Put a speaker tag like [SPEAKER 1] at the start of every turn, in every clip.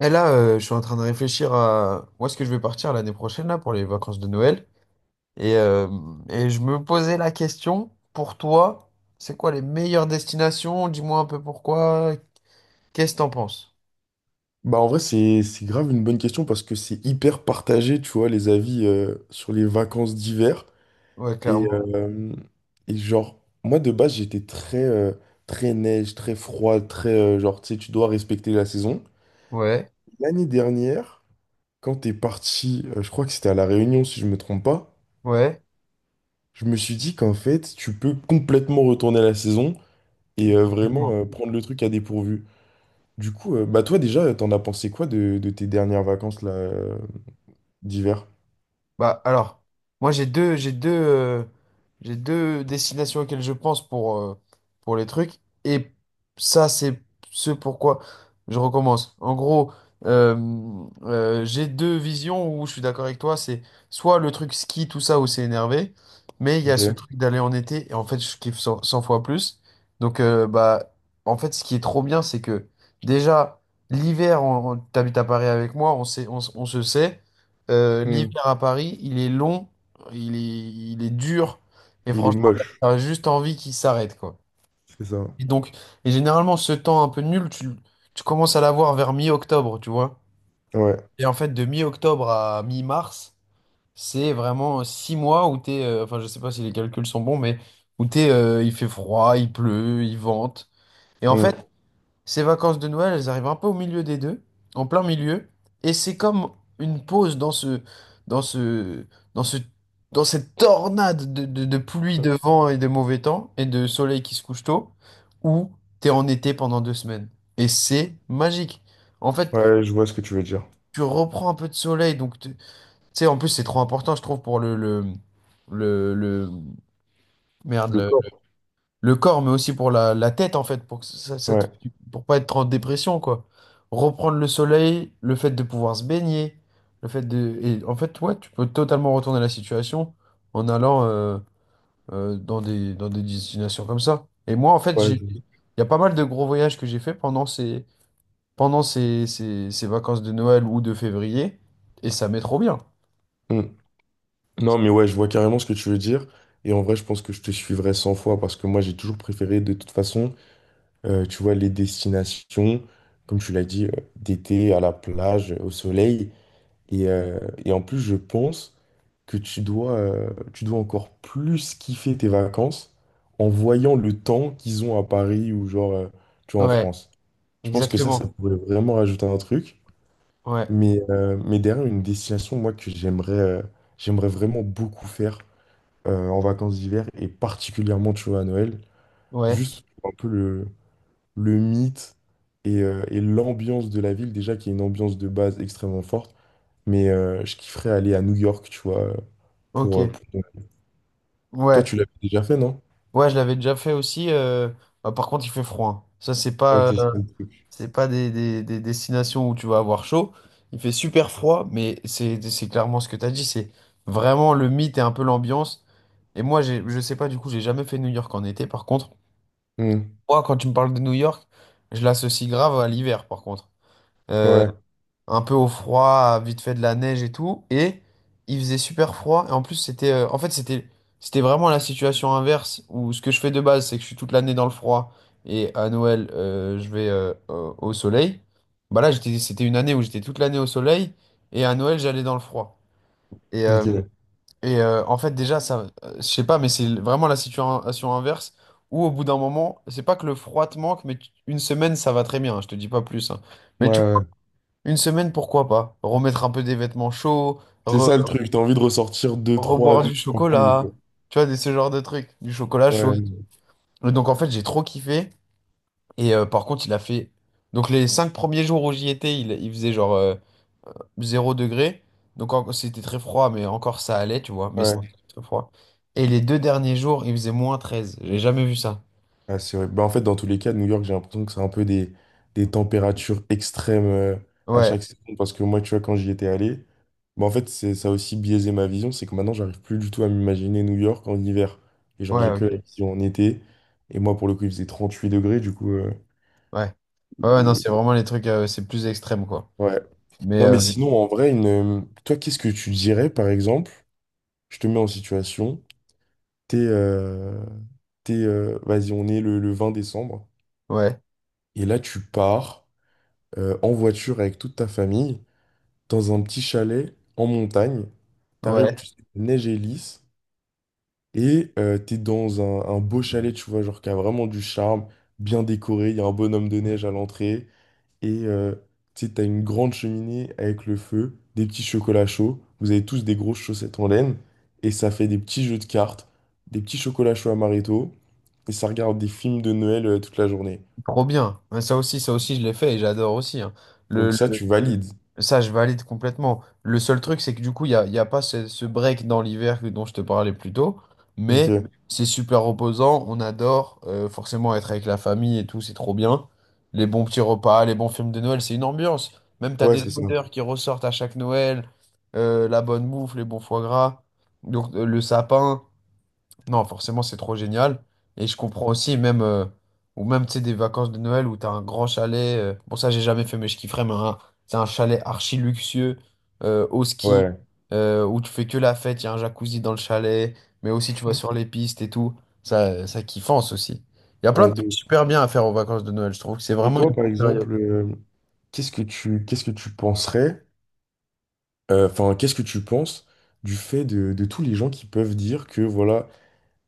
[SPEAKER 1] Et là, je suis en train de réfléchir à où est-ce que je vais partir l'année prochaine là, pour les vacances de Noël. Et, euh, et je me posais la question, pour toi, c'est quoi les meilleures destinations? Dis-moi un peu pourquoi. Qu'est-ce que t'en penses?
[SPEAKER 2] Bah en vrai c'est grave une bonne question parce que c'est hyper partagé, tu vois, les avis sur les vacances d'hiver.
[SPEAKER 1] Ouais,
[SPEAKER 2] et,
[SPEAKER 1] clairement.
[SPEAKER 2] euh, et genre, moi, de base, j'étais très très neige, très froid, très genre, tu sais, tu dois respecter la saison.
[SPEAKER 1] Ouais,
[SPEAKER 2] L'année dernière, quand t'es parti je crois que c'était à La Réunion, si je me trompe pas.
[SPEAKER 1] ouais.
[SPEAKER 2] Je me suis dit qu'en fait tu peux complètement retourner à la saison et vraiment
[SPEAKER 1] Complètement.
[SPEAKER 2] prendre le truc à dépourvu. Du coup, bah toi, déjà, t'en as pensé quoi de tes dernières vacances là, d'hiver?
[SPEAKER 1] Bah alors, moi j'ai deux destinations auxquelles je pense pour les trucs. Et ça, c'est ce pourquoi je recommence. En gros, j'ai deux visions où je suis d'accord avec toi. C'est soit le truc ski, tout ça, où c'est énervé. Mais il y a ce
[SPEAKER 2] Ok.
[SPEAKER 1] truc d'aller en été. Et en fait, je kiffe 100, cent fois plus. Donc, bah, en fait, ce qui est trop bien, c'est que déjà, l'hiver, t'habites à Paris avec moi, on sait, on se sait.
[SPEAKER 2] Hmm.
[SPEAKER 1] L'hiver à Paris, il est long, il est dur, et
[SPEAKER 2] Il est
[SPEAKER 1] franchement, t'as
[SPEAKER 2] moche.
[SPEAKER 1] t'as juste envie qu'il s'arrête, quoi.
[SPEAKER 2] C'est ça.
[SPEAKER 1] Et donc, et généralement, ce temps un peu nul, tu commences à l'avoir vers mi-octobre, tu vois.
[SPEAKER 2] Ouais.
[SPEAKER 1] Et en fait, de mi-octobre à mi-mars, c'est vraiment 6 mois où enfin, je sais pas si les calculs sont bons, mais où il fait froid, il pleut, il vente. Et en
[SPEAKER 2] Hmm.
[SPEAKER 1] fait, ces vacances de Noël, elles arrivent un peu au milieu des deux, en plein milieu, et c'est comme une pause dans ce, dans ce, dans cette tornade de pluie, de vent et de mauvais temps, et de soleil qui se couche tôt, où t'es en été pendant 2 semaines. Et c'est magique. En fait,
[SPEAKER 2] Ouais, je vois ce que tu veux dire.
[SPEAKER 1] tu reprends un peu de soleil, donc tu sais, en plus c'est trop important, je trouve, pour le, le-
[SPEAKER 2] Le
[SPEAKER 1] merde,
[SPEAKER 2] corps.
[SPEAKER 1] le corps, mais aussi pour la tête, en fait, pour que ça te-
[SPEAKER 2] Ouais.
[SPEAKER 1] pour pas être en dépression, quoi. Reprendre le soleil, le fait de pouvoir se baigner, le fait de... Et en fait, ouais, tu peux totalement retourner la situation en allant dans des destinations comme ça. Et moi, en fait,
[SPEAKER 2] Ouais,
[SPEAKER 1] j'ai...
[SPEAKER 2] je-
[SPEAKER 1] Il y a pas mal de gros voyages que j'ai fait pendant ces vacances de Noël ou de février, et ça m'est trop bien.
[SPEAKER 2] Hmm. Non, mais ouais, je vois carrément ce que tu veux dire. Et en vrai, je pense que je te suivrai 100 fois parce que moi, j'ai toujours préféré, de toute façon, tu vois, les destinations, comme tu l'as dit, d'été, à la plage, au soleil. Et, euh, et en plus, je pense que tu dois encore plus kiffer tes vacances en voyant le temps qu'ils ont à Paris, ou genre, tu vois, en
[SPEAKER 1] Ouais,
[SPEAKER 2] France. Je pense que ça
[SPEAKER 1] exactement.
[SPEAKER 2] pourrait vraiment rajouter un truc.
[SPEAKER 1] Ouais,
[SPEAKER 2] Mais derrière, une destination, moi, que j'aimerais vraiment beaucoup faire en vacances d'hiver, et particulièrement, tu vois, à Noël,
[SPEAKER 1] ouais,
[SPEAKER 2] juste pour un peu le, mythe et l'ambiance de la ville, déjà, qui est une ambiance de base extrêmement forte. Mais je kifferais aller à New York, tu vois,
[SPEAKER 1] ok.
[SPEAKER 2] pour... Toi,
[SPEAKER 1] Ouais.
[SPEAKER 2] tu l'as déjà fait, non?
[SPEAKER 1] Ouais, je l'avais déjà fait aussi. Bah, par contre, il fait froid, hein. Ça,
[SPEAKER 2] Ouais, c'est ça le truc.
[SPEAKER 1] c'est pas des destinations où tu vas avoir chaud. Il fait super froid, mais c'est clairement ce que tu as dit. C'est vraiment le mythe et un peu l'ambiance. Et moi, je sais pas, du coup, j'ai jamais fait New York en été. Par contre,
[SPEAKER 2] Hmm.
[SPEAKER 1] moi, quand tu me parles de New York, je l'associe grave à l'hiver, par contre. Euh,
[SPEAKER 2] Ouais,
[SPEAKER 1] un peu au froid, vite fait de la neige et tout. Et il faisait super froid. Et en plus, c'était, en fait, c'était, c'était vraiment la situation inverse où ce que je fais de base, c'est que je suis toute l'année dans le froid et à Noël, je vais au soleil. Bah là, c'était une année où j'étais toute l'année au soleil et à Noël, j'allais dans le froid. Et, euh,
[SPEAKER 2] ok. Ouais,
[SPEAKER 1] En fait, déjà, ça, je sais pas, mais c'est vraiment la situation inverse où au bout d'un moment, c'est pas que le froid te manque, mais une semaine, ça va très bien, hein. Je te dis pas plus, hein. Mais tu
[SPEAKER 2] ouais.
[SPEAKER 1] une semaine, pourquoi pas? Remettre un peu des vêtements chauds,
[SPEAKER 2] C'est ça le truc, t'as envie de ressortir deux, trois,
[SPEAKER 1] reboire
[SPEAKER 2] deux,
[SPEAKER 1] du
[SPEAKER 2] trois pulls,
[SPEAKER 1] chocolat,
[SPEAKER 2] quoi.
[SPEAKER 1] tu vois, ce genre de trucs, du chocolat chaud.
[SPEAKER 2] Ouais,
[SPEAKER 1] Et donc en fait, j'ai trop kiffé. Par contre, il a fait... Donc les 5 premiers jours où j'y étais, il faisait genre 0 degré. C'était très froid, mais encore ça allait, tu vois. Mais c'était
[SPEAKER 2] ouais.
[SPEAKER 1] très froid. Et les 2 derniers jours, il faisait -13. J'ai jamais vu ça.
[SPEAKER 2] Ah, c'est vrai. Bah, en fait, dans tous les cas, New York, j'ai l'impression que c'est un peu des températures extrêmes, à
[SPEAKER 1] Ouais,
[SPEAKER 2] chaque saison. Parce que moi, tu vois, quand j'y étais allé, bah, en fait, ça a aussi biaisé ma vision. C'est que maintenant, j'arrive plus du tout à m'imaginer New York en hiver. Et genre,
[SPEAKER 1] ouais,
[SPEAKER 2] j'ai que
[SPEAKER 1] ok.
[SPEAKER 2] la
[SPEAKER 1] Ouais.
[SPEAKER 2] vision en été. Et moi, pour le coup, il faisait 8 degrés. Du coup,
[SPEAKER 1] Ouais, ouais, non, c'est vraiment les trucs, c'est plus extrême, quoi.
[SPEAKER 2] ouais.
[SPEAKER 1] Mais
[SPEAKER 2] Non, mais sinon, en vrai, toi, qu'est-ce que tu dirais, par exemple? Je te mets en situation. T'es, euh, vas-y, on est le 20 décembre.
[SPEAKER 1] ouais,
[SPEAKER 2] Et là, tu pars, en voiture avec toute ta famille, dans un petit chalet en montagne. T'arrives,
[SPEAKER 1] ouais.
[SPEAKER 2] tu sais, la neige est lisse, et t'es dans un beau chalet, tu vois, genre qui a vraiment du charme, bien décoré, il y a un bonhomme de neige à l'entrée, et tu sais, t'as une grande cheminée avec le feu, des petits chocolats chauds, vous avez tous des grosses chaussettes en laine, et ça fait des petits jeux de cartes, des petits chocolats chauds à marito, et ça regarde des films de Noël toute la journée.
[SPEAKER 1] Trop bien. Ouais, ça aussi, ça aussi, je l'ai fait et j'adore aussi, hein. Le,
[SPEAKER 2] Donc ça,
[SPEAKER 1] le-
[SPEAKER 2] tu valides.
[SPEAKER 1] Ça, je valide complètement. Le seul truc, c'est que du coup, il y a pas ce break dans l'hiver dont je te parlais plus tôt. Mais
[SPEAKER 2] Ok.
[SPEAKER 1] c'est super reposant. On adore forcément être avec la famille et tout. C'est trop bien. Les bons petits repas, les bons films de Noël, c'est une ambiance. Même tu as
[SPEAKER 2] Ouais,
[SPEAKER 1] des
[SPEAKER 2] c'est ça.
[SPEAKER 1] odeurs qui ressortent à chaque Noël. La bonne bouffe, les bons foie gras. Donc, le sapin. Non, forcément, c'est trop génial. Et je comprends aussi, même, ou même, tu sais, des vacances de Noël où t'as un grand chalet. Bon, ça, j'ai jamais fait, mais je kifferais, mais c'est un chalet archi luxueux, au ski,
[SPEAKER 2] Ouais.
[SPEAKER 1] où tu fais que la fête, il y a un jacuzzi dans le chalet, mais aussi tu vas sur les pistes et tout. Ça kiffance aussi. Il y a plein
[SPEAKER 2] Ouais,
[SPEAKER 1] de
[SPEAKER 2] de
[SPEAKER 1] trucs
[SPEAKER 2] ouf.
[SPEAKER 1] super bien à faire aux vacances de Noël. Je trouve que c'est
[SPEAKER 2] Mais
[SPEAKER 1] vraiment une
[SPEAKER 2] toi,
[SPEAKER 1] bonne
[SPEAKER 2] par
[SPEAKER 1] période.
[SPEAKER 2] exemple, qu'est-ce que tu penserais, enfin, qu'est-ce que tu penses du fait de tous les gens qui peuvent dire que, voilà,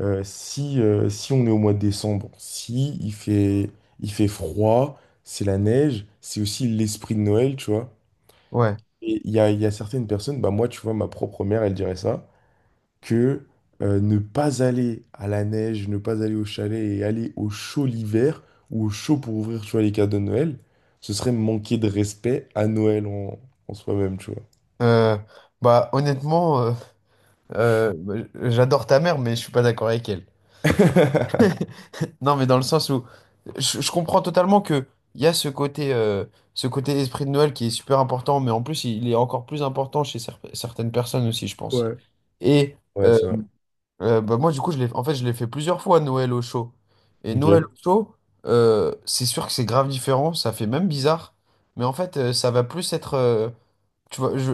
[SPEAKER 2] si on est au mois de décembre, si il fait froid, c'est la neige, c'est aussi l'esprit de Noël, tu vois.
[SPEAKER 1] Ouais.
[SPEAKER 2] Et il y a certaines personnes, bah moi, tu vois, ma propre mère, elle dirait ça, que ne pas aller à la neige, ne pas aller au chalet et aller au chaud l'hiver, ou au chaud pour ouvrir, tu vois, les cadeaux de Noël, ce serait manquer de respect à Noël en soi-même, tu vois.
[SPEAKER 1] Euh, Bah, honnêtement, j'adore ta mère, mais je suis pas d'accord avec elle. Non, mais dans le sens où je comprends totalement que il y a ce côté esprit de Noël qui est super important, mais en plus, il est encore plus important chez certaines personnes aussi, je pense.
[SPEAKER 2] Ouais.
[SPEAKER 1] Et
[SPEAKER 2] Ouais,
[SPEAKER 1] euh,
[SPEAKER 2] c'est vrai.
[SPEAKER 1] Bah moi, du coup, en fait, je l'ai fait plusieurs fois Noël au chaud. Et Noël
[SPEAKER 2] Ok.
[SPEAKER 1] au chaud, c'est sûr que c'est grave différent, ça fait même bizarre, mais en fait, ça va plus être. Tu vas, je-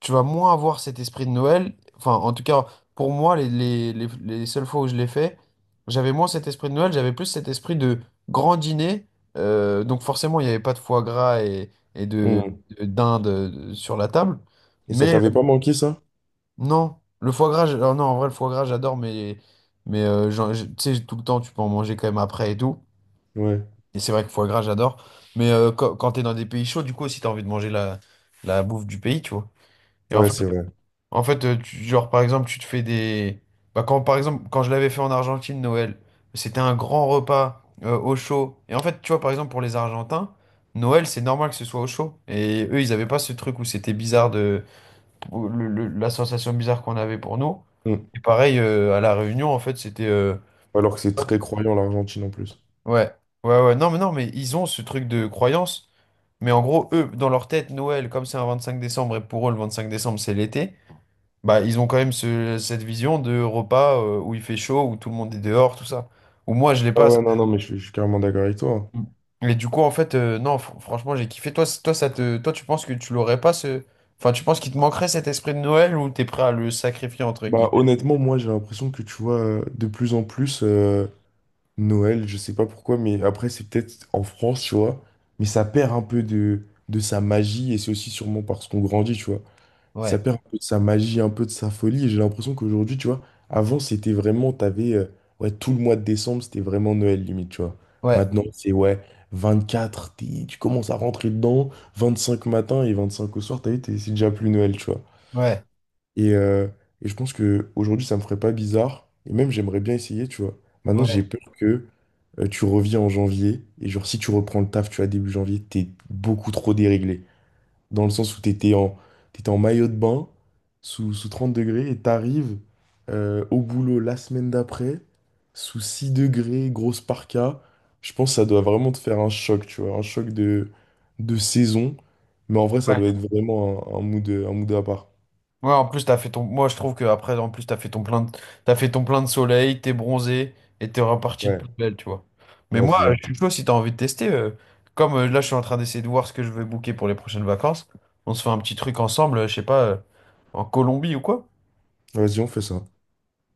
[SPEAKER 1] Tu vas moins avoir cet esprit de Noël. Enfin, en tout cas, pour moi, les seules fois où je l'ai fait, j'avais moins cet esprit de Noël, j'avais plus cet esprit de grand dîner. Donc forcément, il n'y avait pas de foie gras et de
[SPEAKER 2] Mm.
[SPEAKER 1] dinde sur la table.
[SPEAKER 2] Et ça
[SPEAKER 1] Mais euh,
[SPEAKER 2] t'avait pas manqué, ça?
[SPEAKER 1] non, le foie gras, alors non, en vrai, le foie gras, j'adore, tu sais, tout le temps, tu peux en manger quand même après et tout.
[SPEAKER 2] Ouais.
[SPEAKER 1] Et c'est vrai que foie gras, j'adore. Quand, quand tu es dans des pays chauds, du coup, aussi, tu as envie de manger la bouffe du pays, tu vois. Et en
[SPEAKER 2] Ouais, c'est vrai.
[SPEAKER 1] en fait, genre par exemple, tu te fais des. Bah, quand, par exemple, quand je l'avais fait en Argentine, Noël, c'était un grand repas au chaud. Et en fait, tu vois, par exemple, pour les Argentins, Noël, c'est normal que ce soit au chaud. Et eux, ils n'avaient pas ce truc où c'était bizarre de. Où la sensation bizarre qu'on avait pour nous.
[SPEAKER 2] Mm.
[SPEAKER 1] Et pareil, à La Réunion, en fait, c'était.
[SPEAKER 2] Alors que c'est très croyant, l'Argentine, en plus.
[SPEAKER 1] Ouais, ouais, ouais. Non, mais non, mais ils ont ce truc de croyance. Mais en gros, eux, dans leur tête, Noël, comme c'est un 25 décembre, et pour eux, le 25 décembre, c'est l'été, bah, ils ont quand même cette vision de repas où il fait chaud, où tout le monde est dehors, tout ça. Ou moi, je l'ai
[SPEAKER 2] Ah
[SPEAKER 1] pas. Ça.
[SPEAKER 2] ouais, non, non, mais je suis carrément d'accord avec toi, hein.
[SPEAKER 1] Et du coup, en fait, non, franchement, j'ai kiffé. Toi, c- toi, ça te, toi, tu penses que tu l'aurais pas ce. Enfin, tu penses qu'il te manquerait cet esprit de Noël ou t'es prêt à le sacrifier entre guillemets?
[SPEAKER 2] Bah, honnêtement, moi, j'ai l'impression que, tu vois, de plus en plus, Noël, je sais pas pourquoi, mais après, c'est peut-être en France, tu vois. Mais ça perd un peu de sa magie, et c'est aussi sûrement parce qu'on grandit, tu vois. Ça
[SPEAKER 1] Ouais,
[SPEAKER 2] perd un peu de sa magie, un peu de sa folie. Et j'ai l'impression qu'aujourd'hui, tu vois, avant, c'était vraiment, t'avais, ouais, tout le mois de décembre, c'était vraiment Noël, limite, tu vois.
[SPEAKER 1] ouais,
[SPEAKER 2] Maintenant, c'est, ouais, 24, tu commences à rentrer dedans, 25 matin et 25 au soir, t'as vu, c'est déjà plus Noël, tu vois.
[SPEAKER 1] ouais,
[SPEAKER 2] Et, euh, et je pense que aujourd'hui ça me ferait pas bizarre. Et même, j'aimerais bien essayer, tu vois. Maintenant, j'ai peur que tu reviens en janvier. Et genre, si tu reprends le taf, tu vois, début janvier, t'es beaucoup trop déréglé. Dans le sens où t'étais en maillot de bain, sous 30 degrés, et t'arrives au boulot la semaine d'après, sous 6 degrés, grosse parka. Je pense que ça doit vraiment te faire un choc, tu vois. Un choc de saison. Mais en vrai, ça
[SPEAKER 1] ouais.
[SPEAKER 2] doit être vraiment un mood à part.
[SPEAKER 1] Ouais, en plus, t'as fait ton. Moi, je trouve que après, en plus, t'as fait ton plein de... t'as fait ton plein de soleil, t'es bronzé et t'es reparti de plus
[SPEAKER 2] Ouais,
[SPEAKER 1] belle, tu vois. Mais
[SPEAKER 2] ouais,
[SPEAKER 1] moi,
[SPEAKER 2] c'est ça.
[SPEAKER 1] je suis chaud si t'as envie de tester. Comme là, je suis en train d'essayer de voir ce que je vais booker pour les prochaines vacances. On se fait un petit truc ensemble, je sais pas, en Colombie ou quoi?
[SPEAKER 2] Vas-y, on fait ça.